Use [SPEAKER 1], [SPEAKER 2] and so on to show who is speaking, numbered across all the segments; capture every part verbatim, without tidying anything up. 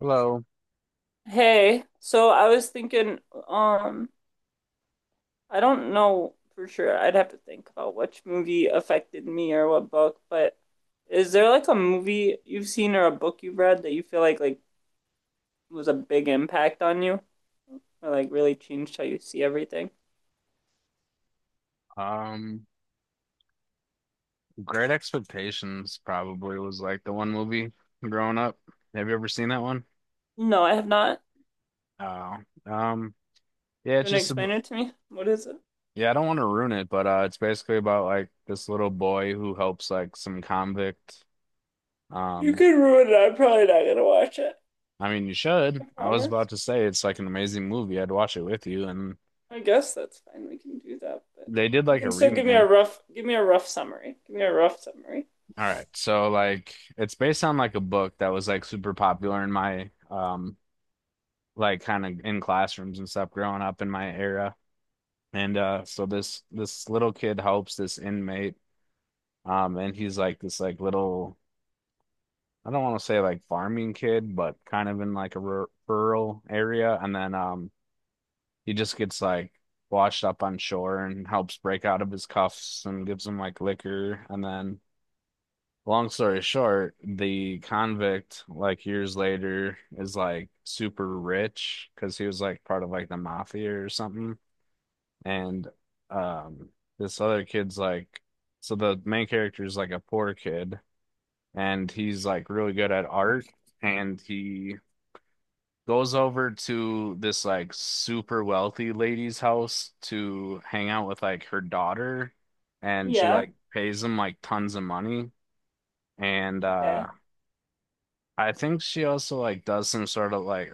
[SPEAKER 1] Hello.
[SPEAKER 2] Hey, so I was thinking, um, I don't know for sure. I'd have to think about which movie affected me or what book, but is there like a movie you've seen or a book you've read that you feel like like was a big impact on you or like really changed how you see everything?
[SPEAKER 1] Um, Great Expectations probably was like the one movie growing up. Have you ever seen that one?
[SPEAKER 2] No, I have not.
[SPEAKER 1] Oh, um, yeah,
[SPEAKER 2] You
[SPEAKER 1] it's
[SPEAKER 2] want to
[SPEAKER 1] just
[SPEAKER 2] explain
[SPEAKER 1] ab-
[SPEAKER 2] it to me? What is it?
[SPEAKER 1] yeah, I don't want to ruin it, but uh, it's basically about like this little boy who helps like some convict.
[SPEAKER 2] You
[SPEAKER 1] Um,
[SPEAKER 2] could ruin it. I'm probably not gonna watch it.
[SPEAKER 1] I mean, you
[SPEAKER 2] I
[SPEAKER 1] should. I was
[SPEAKER 2] promise.
[SPEAKER 1] about to say it's like an amazing movie. I'd watch it with you, and
[SPEAKER 2] I guess that's fine. We can do that, but
[SPEAKER 1] they did
[SPEAKER 2] you
[SPEAKER 1] like a
[SPEAKER 2] can still give me a
[SPEAKER 1] remake.
[SPEAKER 2] rough, give me a rough summary. Give me a rough summary.
[SPEAKER 1] All right, so like it's based on like a book that was like super popular in my um like kind of in classrooms and stuff growing up in my era. And uh so this this little kid helps this inmate. Um and he's like this like little, I don't want to say like farming kid, but kind of in like a rur rural area, and then um he just gets like washed up on shore and helps break out of his cuffs and gives him like liquor, and then long story short, the convict, like years later, is like super rich because he was like part of like the mafia or something. and um this other kid's like, so the main character is like a poor kid, and he's like really good at art, and he goes over to this like super wealthy lady's house to hang out with like her daughter, and she
[SPEAKER 2] Yeah.
[SPEAKER 1] like pays him like tons of money. And uh
[SPEAKER 2] Okay.
[SPEAKER 1] I think she also like does some sort of like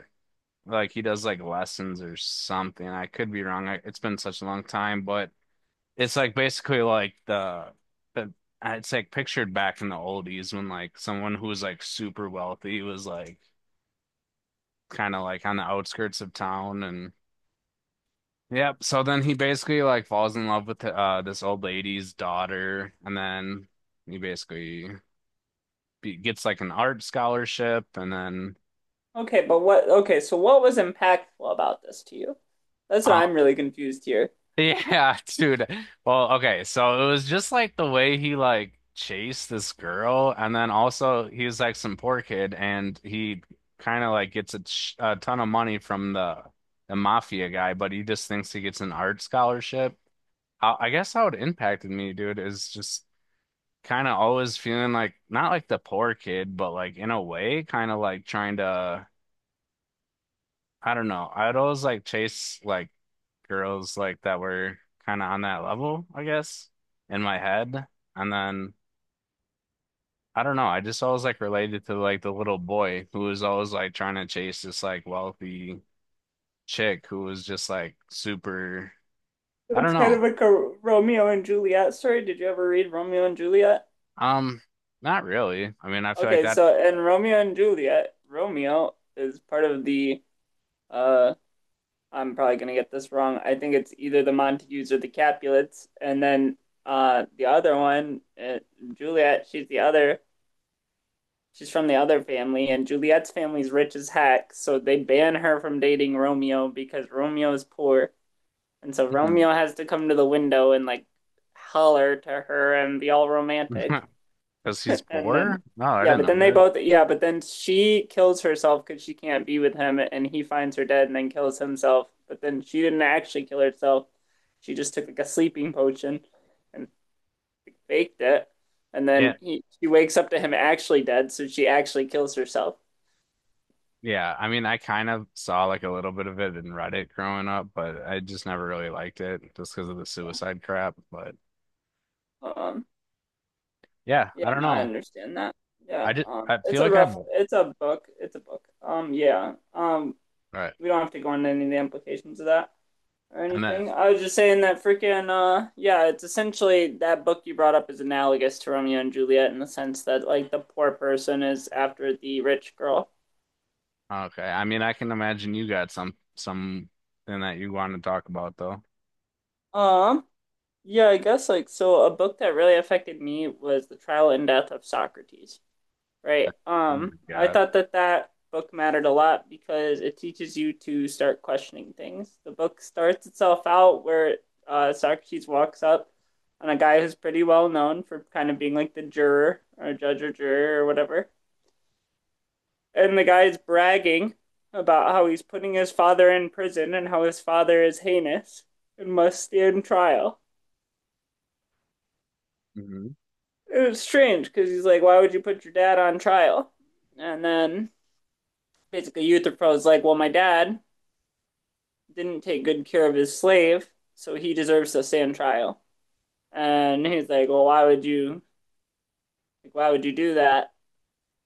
[SPEAKER 1] like he does like lessons or something. I could be wrong. I, it's been such a long time, but it's like basically like the the it's like pictured back in the oldies when like someone who was like super wealthy was like kind of like on the outskirts of town, and yep. So then he basically like falls in love with uh this old lady's daughter, and then he basically be- gets like an art scholarship, and then
[SPEAKER 2] Okay, but what, okay, so what was impactful about this to you? That's what
[SPEAKER 1] on.
[SPEAKER 2] I'm really confused here.
[SPEAKER 1] Yeah, dude. Well, okay, so it was just like the way he like chased this girl, and then also he's like some poor kid, and he kind of like gets a, ch a ton of money from the the mafia guy, but he just thinks he gets an art scholarship. I, I guess how it impacted me, dude, is just kind of always feeling like not like the poor kid, but like in a way, kind of like trying to. I don't know. I'd always like chase like girls like that were kind of on that level, I guess, in my head. And then I don't know. I just always like related to like the little boy who was always like trying to chase this like wealthy chick who was just like super. I
[SPEAKER 2] It's
[SPEAKER 1] don't
[SPEAKER 2] kind of
[SPEAKER 1] know.
[SPEAKER 2] like a Romeo and Juliet story. Did you ever read Romeo and Juliet?
[SPEAKER 1] Um, not really. I mean, I feel like
[SPEAKER 2] Okay,
[SPEAKER 1] that.
[SPEAKER 2] so in Romeo and Juliet, Romeo is part of the uh I'm probably gonna get this wrong. I think it's either the Montagues or the Capulets, and then uh the other one, uh, Juliet, she's the other. She's from the other family, and Juliet's family's rich as heck, so they ban her from dating Romeo because Romeo is poor. And so Romeo has to come to the window and like holler to her and be all romantic.
[SPEAKER 1] Because he's
[SPEAKER 2] And then,
[SPEAKER 1] poor. No, I
[SPEAKER 2] yeah,
[SPEAKER 1] didn't
[SPEAKER 2] but then
[SPEAKER 1] know
[SPEAKER 2] they
[SPEAKER 1] that.
[SPEAKER 2] both, yeah, but then she kills herself because she can't be with him, and he finds her dead and then kills himself. But then she didn't actually kill herself. She just took like a sleeping potion and faked it. And
[SPEAKER 1] Yeah.
[SPEAKER 2] then he, she wakes up to him actually dead, so she actually kills herself.
[SPEAKER 1] Yeah, I mean, I kind of saw like a little bit of it in Reddit growing up, but I just never really liked it just because of the suicide crap. But
[SPEAKER 2] Um,
[SPEAKER 1] yeah, I
[SPEAKER 2] yeah,
[SPEAKER 1] don't
[SPEAKER 2] no, I
[SPEAKER 1] know.
[SPEAKER 2] understand that.
[SPEAKER 1] I
[SPEAKER 2] Yeah,
[SPEAKER 1] just
[SPEAKER 2] um,
[SPEAKER 1] I feel
[SPEAKER 2] it's a
[SPEAKER 1] like I'm
[SPEAKER 2] rough,
[SPEAKER 1] all
[SPEAKER 2] it's a book, it's a book. Um, yeah, um,
[SPEAKER 1] right.
[SPEAKER 2] we don't have to go into any of the implications of that or
[SPEAKER 1] And then
[SPEAKER 2] anything. I was just saying that freaking, uh, yeah, it's essentially that book you brought up is analogous to Romeo and Juliet in the sense that like the poor person is after the rich girl.
[SPEAKER 1] okay, I mean, I can imagine you got some something that you want to talk about though.
[SPEAKER 2] Um, yeah, I guess like so. A book that really affected me was The Trial and Death of Socrates. Right.
[SPEAKER 1] Oh
[SPEAKER 2] Um,
[SPEAKER 1] my
[SPEAKER 2] I
[SPEAKER 1] God.
[SPEAKER 2] thought that that book mattered a lot because it teaches you to start questioning things. The book starts itself out where uh, Socrates walks up on a guy who's pretty well known for kind of being like the juror or judge or juror or whatever. And the guy's bragging about how he's putting his father in prison and how his father is heinous and must stand trial.
[SPEAKER 1] Hmm.
[SPEAKER 2] It was strange because he's like, why would you put your dad on trial? And then basically Euthyphro's like, well, my dad didn't take good care of his slave, so he deserves to stand trial. And he's like, well, why would you, like, why would you do that?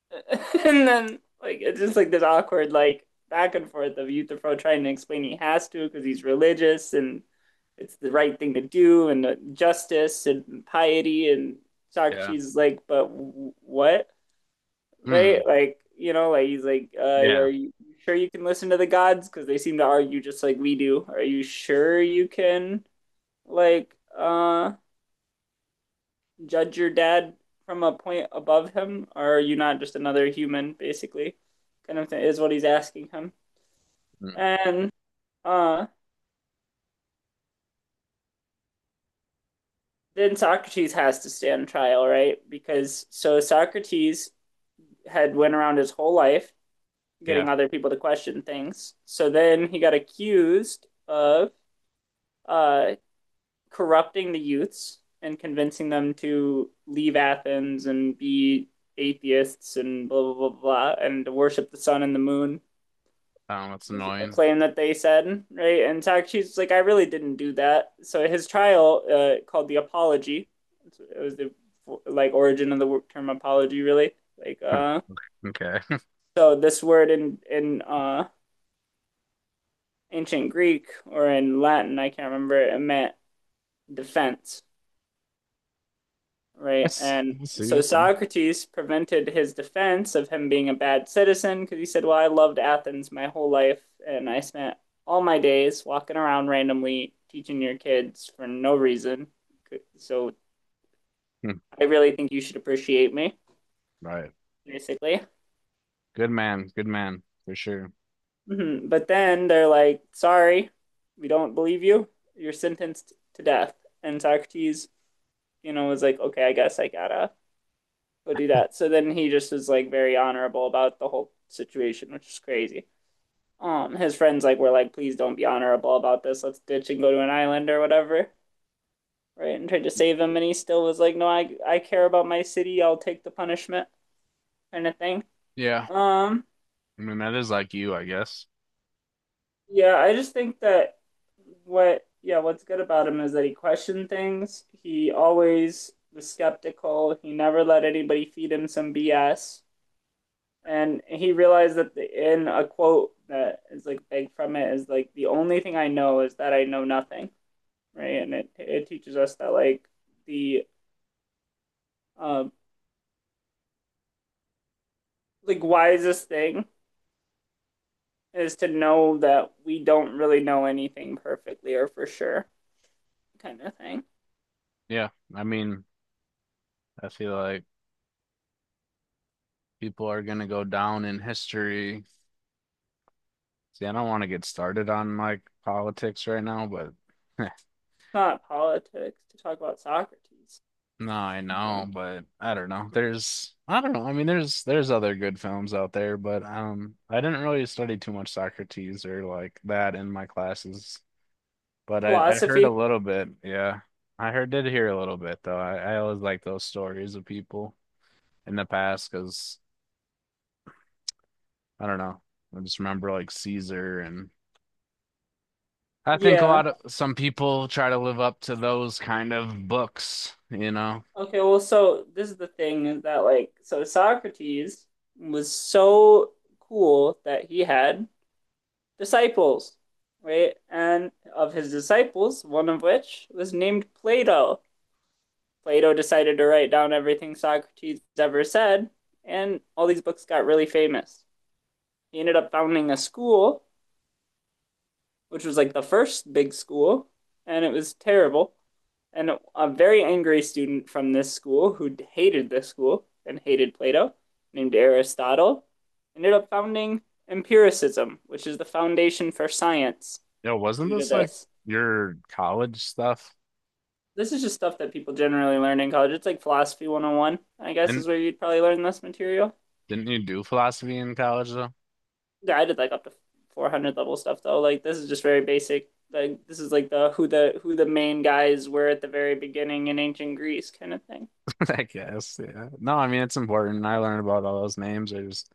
[SPEAKER 2] And then, like, it's just like this awkward, like, back and forth of Euthyphro trying to explain he has to because he's religious and it's the right thing to do and uh, justice and piety and
[SPEAKER 1] Yeah.
[SPEAKER 2] Socrates is like, but what? Right?
[SPEAKER 1] Mm.
[SPEAKER 2] Like, you know, like he's like, uh,
[SPEAKER 1] Yeah.
[SPEAKER 2] are you sure you can listen to the gods? Because they seem to argue just like we do. Are you sure you can like uh judge your dad from a point above him, or are you not just another human, basically? Kind of thing is what he's asking him.
[SPEAKER 1] Mm.
[SPEAKER 2] And uh then Socrates has to stand trial, right? Because so Socrates had went around his whole life
[SPEAKER 1] Yeah.
[SPEAKER 2] getting other people to question things. So then he got accused of uh corrupting the youths and convincing them to leave Athens and be atheists and blah blah blah blah and to worship the sun and the moon
[SPEAKER 1] Um, that's
[SPEAKER 2] was a
[SPEAKER 1] annoying.
[SPEAKER 2] claim that they said, right? And Socrates was like, I really didn't do that. So his trial, uh, called the apology, it was the like origin of the term apology, really. Like,
[SPEAKER 1] Huh.
[SPEAKER 2] uh,
[SPEAKER 1] Okay.
[SPEAKER 2] so this word in in uh ancient Greek or in Latin, I can't remember, it meant defense.
[SPEAKER 1] I
[SPEAKER 2] Right.
[SPEAKER 1] see.
[SPEAKER 2] And
[SPEAKER 1] I see. I
[SPEAKER 2] so
[SPEAKER 1] see.
[SPEAKER 2] Socrates prevented his defense of him being a bad citizen because he said, well, I loved Athens my whole life, and I spent all my days walking around randomly teaching your kids for no reason. So
[SPEAKER 1] Hmm.
[SPEAKER 2] I really think you should appreciate me,
[SPEAKER 1] Right.
[SPEAKER 2] basically.
[SPEAKER 1] Good man. Good man for sure.
[SPEAKER 2] Mhm. But then they're like, sorry, we don't believe you. You're sentenced to death. And Socrates, you know, was like, okay, I guess I gotta go do that. So then he just is like very honorable about the whole situation, which is crazy. Um, his friends like were like, please don't be honorable about this. Let's ditch and go to an island or whatever, right? And tried to save him, and he still was like, no, I I care about my city. I'll take the punishment, kind of thing.
[SPEAKER 1] Yeah.
[SPEAKER 2] Um,
[SPEAKER 1] I mean, that is like you, I guess.
[SPEAKER 2] yeah, I just think that what yeah, what's good about him is that he questioned things. He always was skeptical. He never let anybody feed him some B S. And he realized that the, in a quote that is like begged from it is like the only thing I know is that I know nothing, right? And it it teaches us that like the uh, like wisest thing is to know that we don't really know anything perfectly or for sure, kind of thing. It's
[SPEAKER 1] Yeah, I mean, I feel like people are gonna go down in history. See, I don't want to get started on like politics right now, but
[SPEAKER 2] not politics to talk about Socrates.
[SPEAKER 1] no, I
[SPEAKER 2] Uh,
[SPEAKER 1] know, but I don't know. There's, I don't know. I mean, there's there's other good films out there, but um, I didn't really study too much Socrates or like that in my classes, but I I heard a
[SPEAKER 2] philosophy,
[SPEAKER 1] little bit. Yeah, I heard did hear a little bit though. I I always like those stories of people in the past because I don't know. I just remember like Caesar, and I think a
[SPEAKER 2] yeah.
[SPEAKER 1] lot of some people try to live up to those kind of books, you know.
[SPEAKER 2] Okay, well, so this is the thing is that like so Socrates was so cool that he had disciples, right? And of his disciples, one of which was named Plato. Plato decided to write down everything Socrates ever said, and all these books got really famous. He ended up founding a school, which was like the first big school, and it was terrible. And a very angry student from this school who hated this school and hated Plato, named Aristotle, ended up founding empiricism, which is the foundation for science
[SPEAKER 1] Yo, wasn't
[SPEAKER 2] due to
[SPEAKER 1] this like
[SPEAKER 2] this.
[SPEAKER 1] your college stuff?
[SPEAKER 2] This is just stuff that people generally learn in college. It's like philosophy one oh one, I guess,
[SPEAKER 1] Didn't
[SPEAKER 2] is where you'd probably learn this material.
[SPEAKER 1] didn't you do philosophy in college though?
[SPEAKER 2] Yeah, I did like up to four hundred level stuff though. Like this is just very basic. Like this is like the who the who the main guys were at the very beginning in ancient Greece kind of thing.
[SPEAKER 1] I guess, yeah. No, I mean it's important. I learned about all those names. I just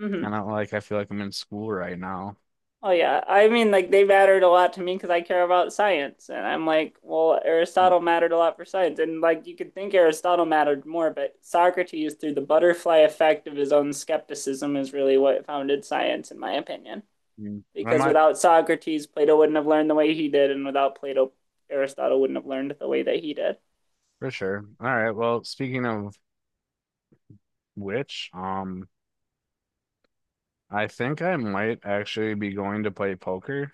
[SPEAKER 2] Mm-hmm.
[SPEAKER 1] kind of like I feel like I'm in school right now.
[SPEAKER 2] Oh yeah, I mean like they mattered a lot to me because I care about science, and I'm like, well,
[SPEAKER 1] Hmm.
[SPEAKER 2] Aristotle mattered a lot for science, and like you could think Aristotle mattered more, but Socrates, through the butterfly effect of his own skepticism, is really what founded science, in my opinion.
[SPEAKER 1] Mm, I
[SPEAKER 2] Because
[SPEAKER 1] might
[SPEAKER 2] without Socrates, Plato wouldn't have learned the way he did, and without Plato, Aristotle wouldn't have learned the way that he did.
[SPEAKER 1] for sure. All right. Well, speaking of which, um, I think I might actually be going to play poker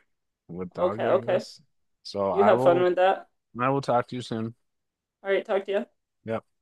[SPEAKER 1] with Dog,
[SPEAKER 2] Okay,
[SPEAKER 1] I
[SPEAKER 2] okay.
[SPEAKER 1] guess. So
[SPEAKER 2] You
[SPEAKER 1] I
[SPEAKER 2] have fun
[SPEAKER 1] will
[SPEAKER 2] with that.
[SPEAKER 1] I will talk to you soon.
[SPEAKER 2] All right, talk to you.
[SPEAKER 1] Yeah.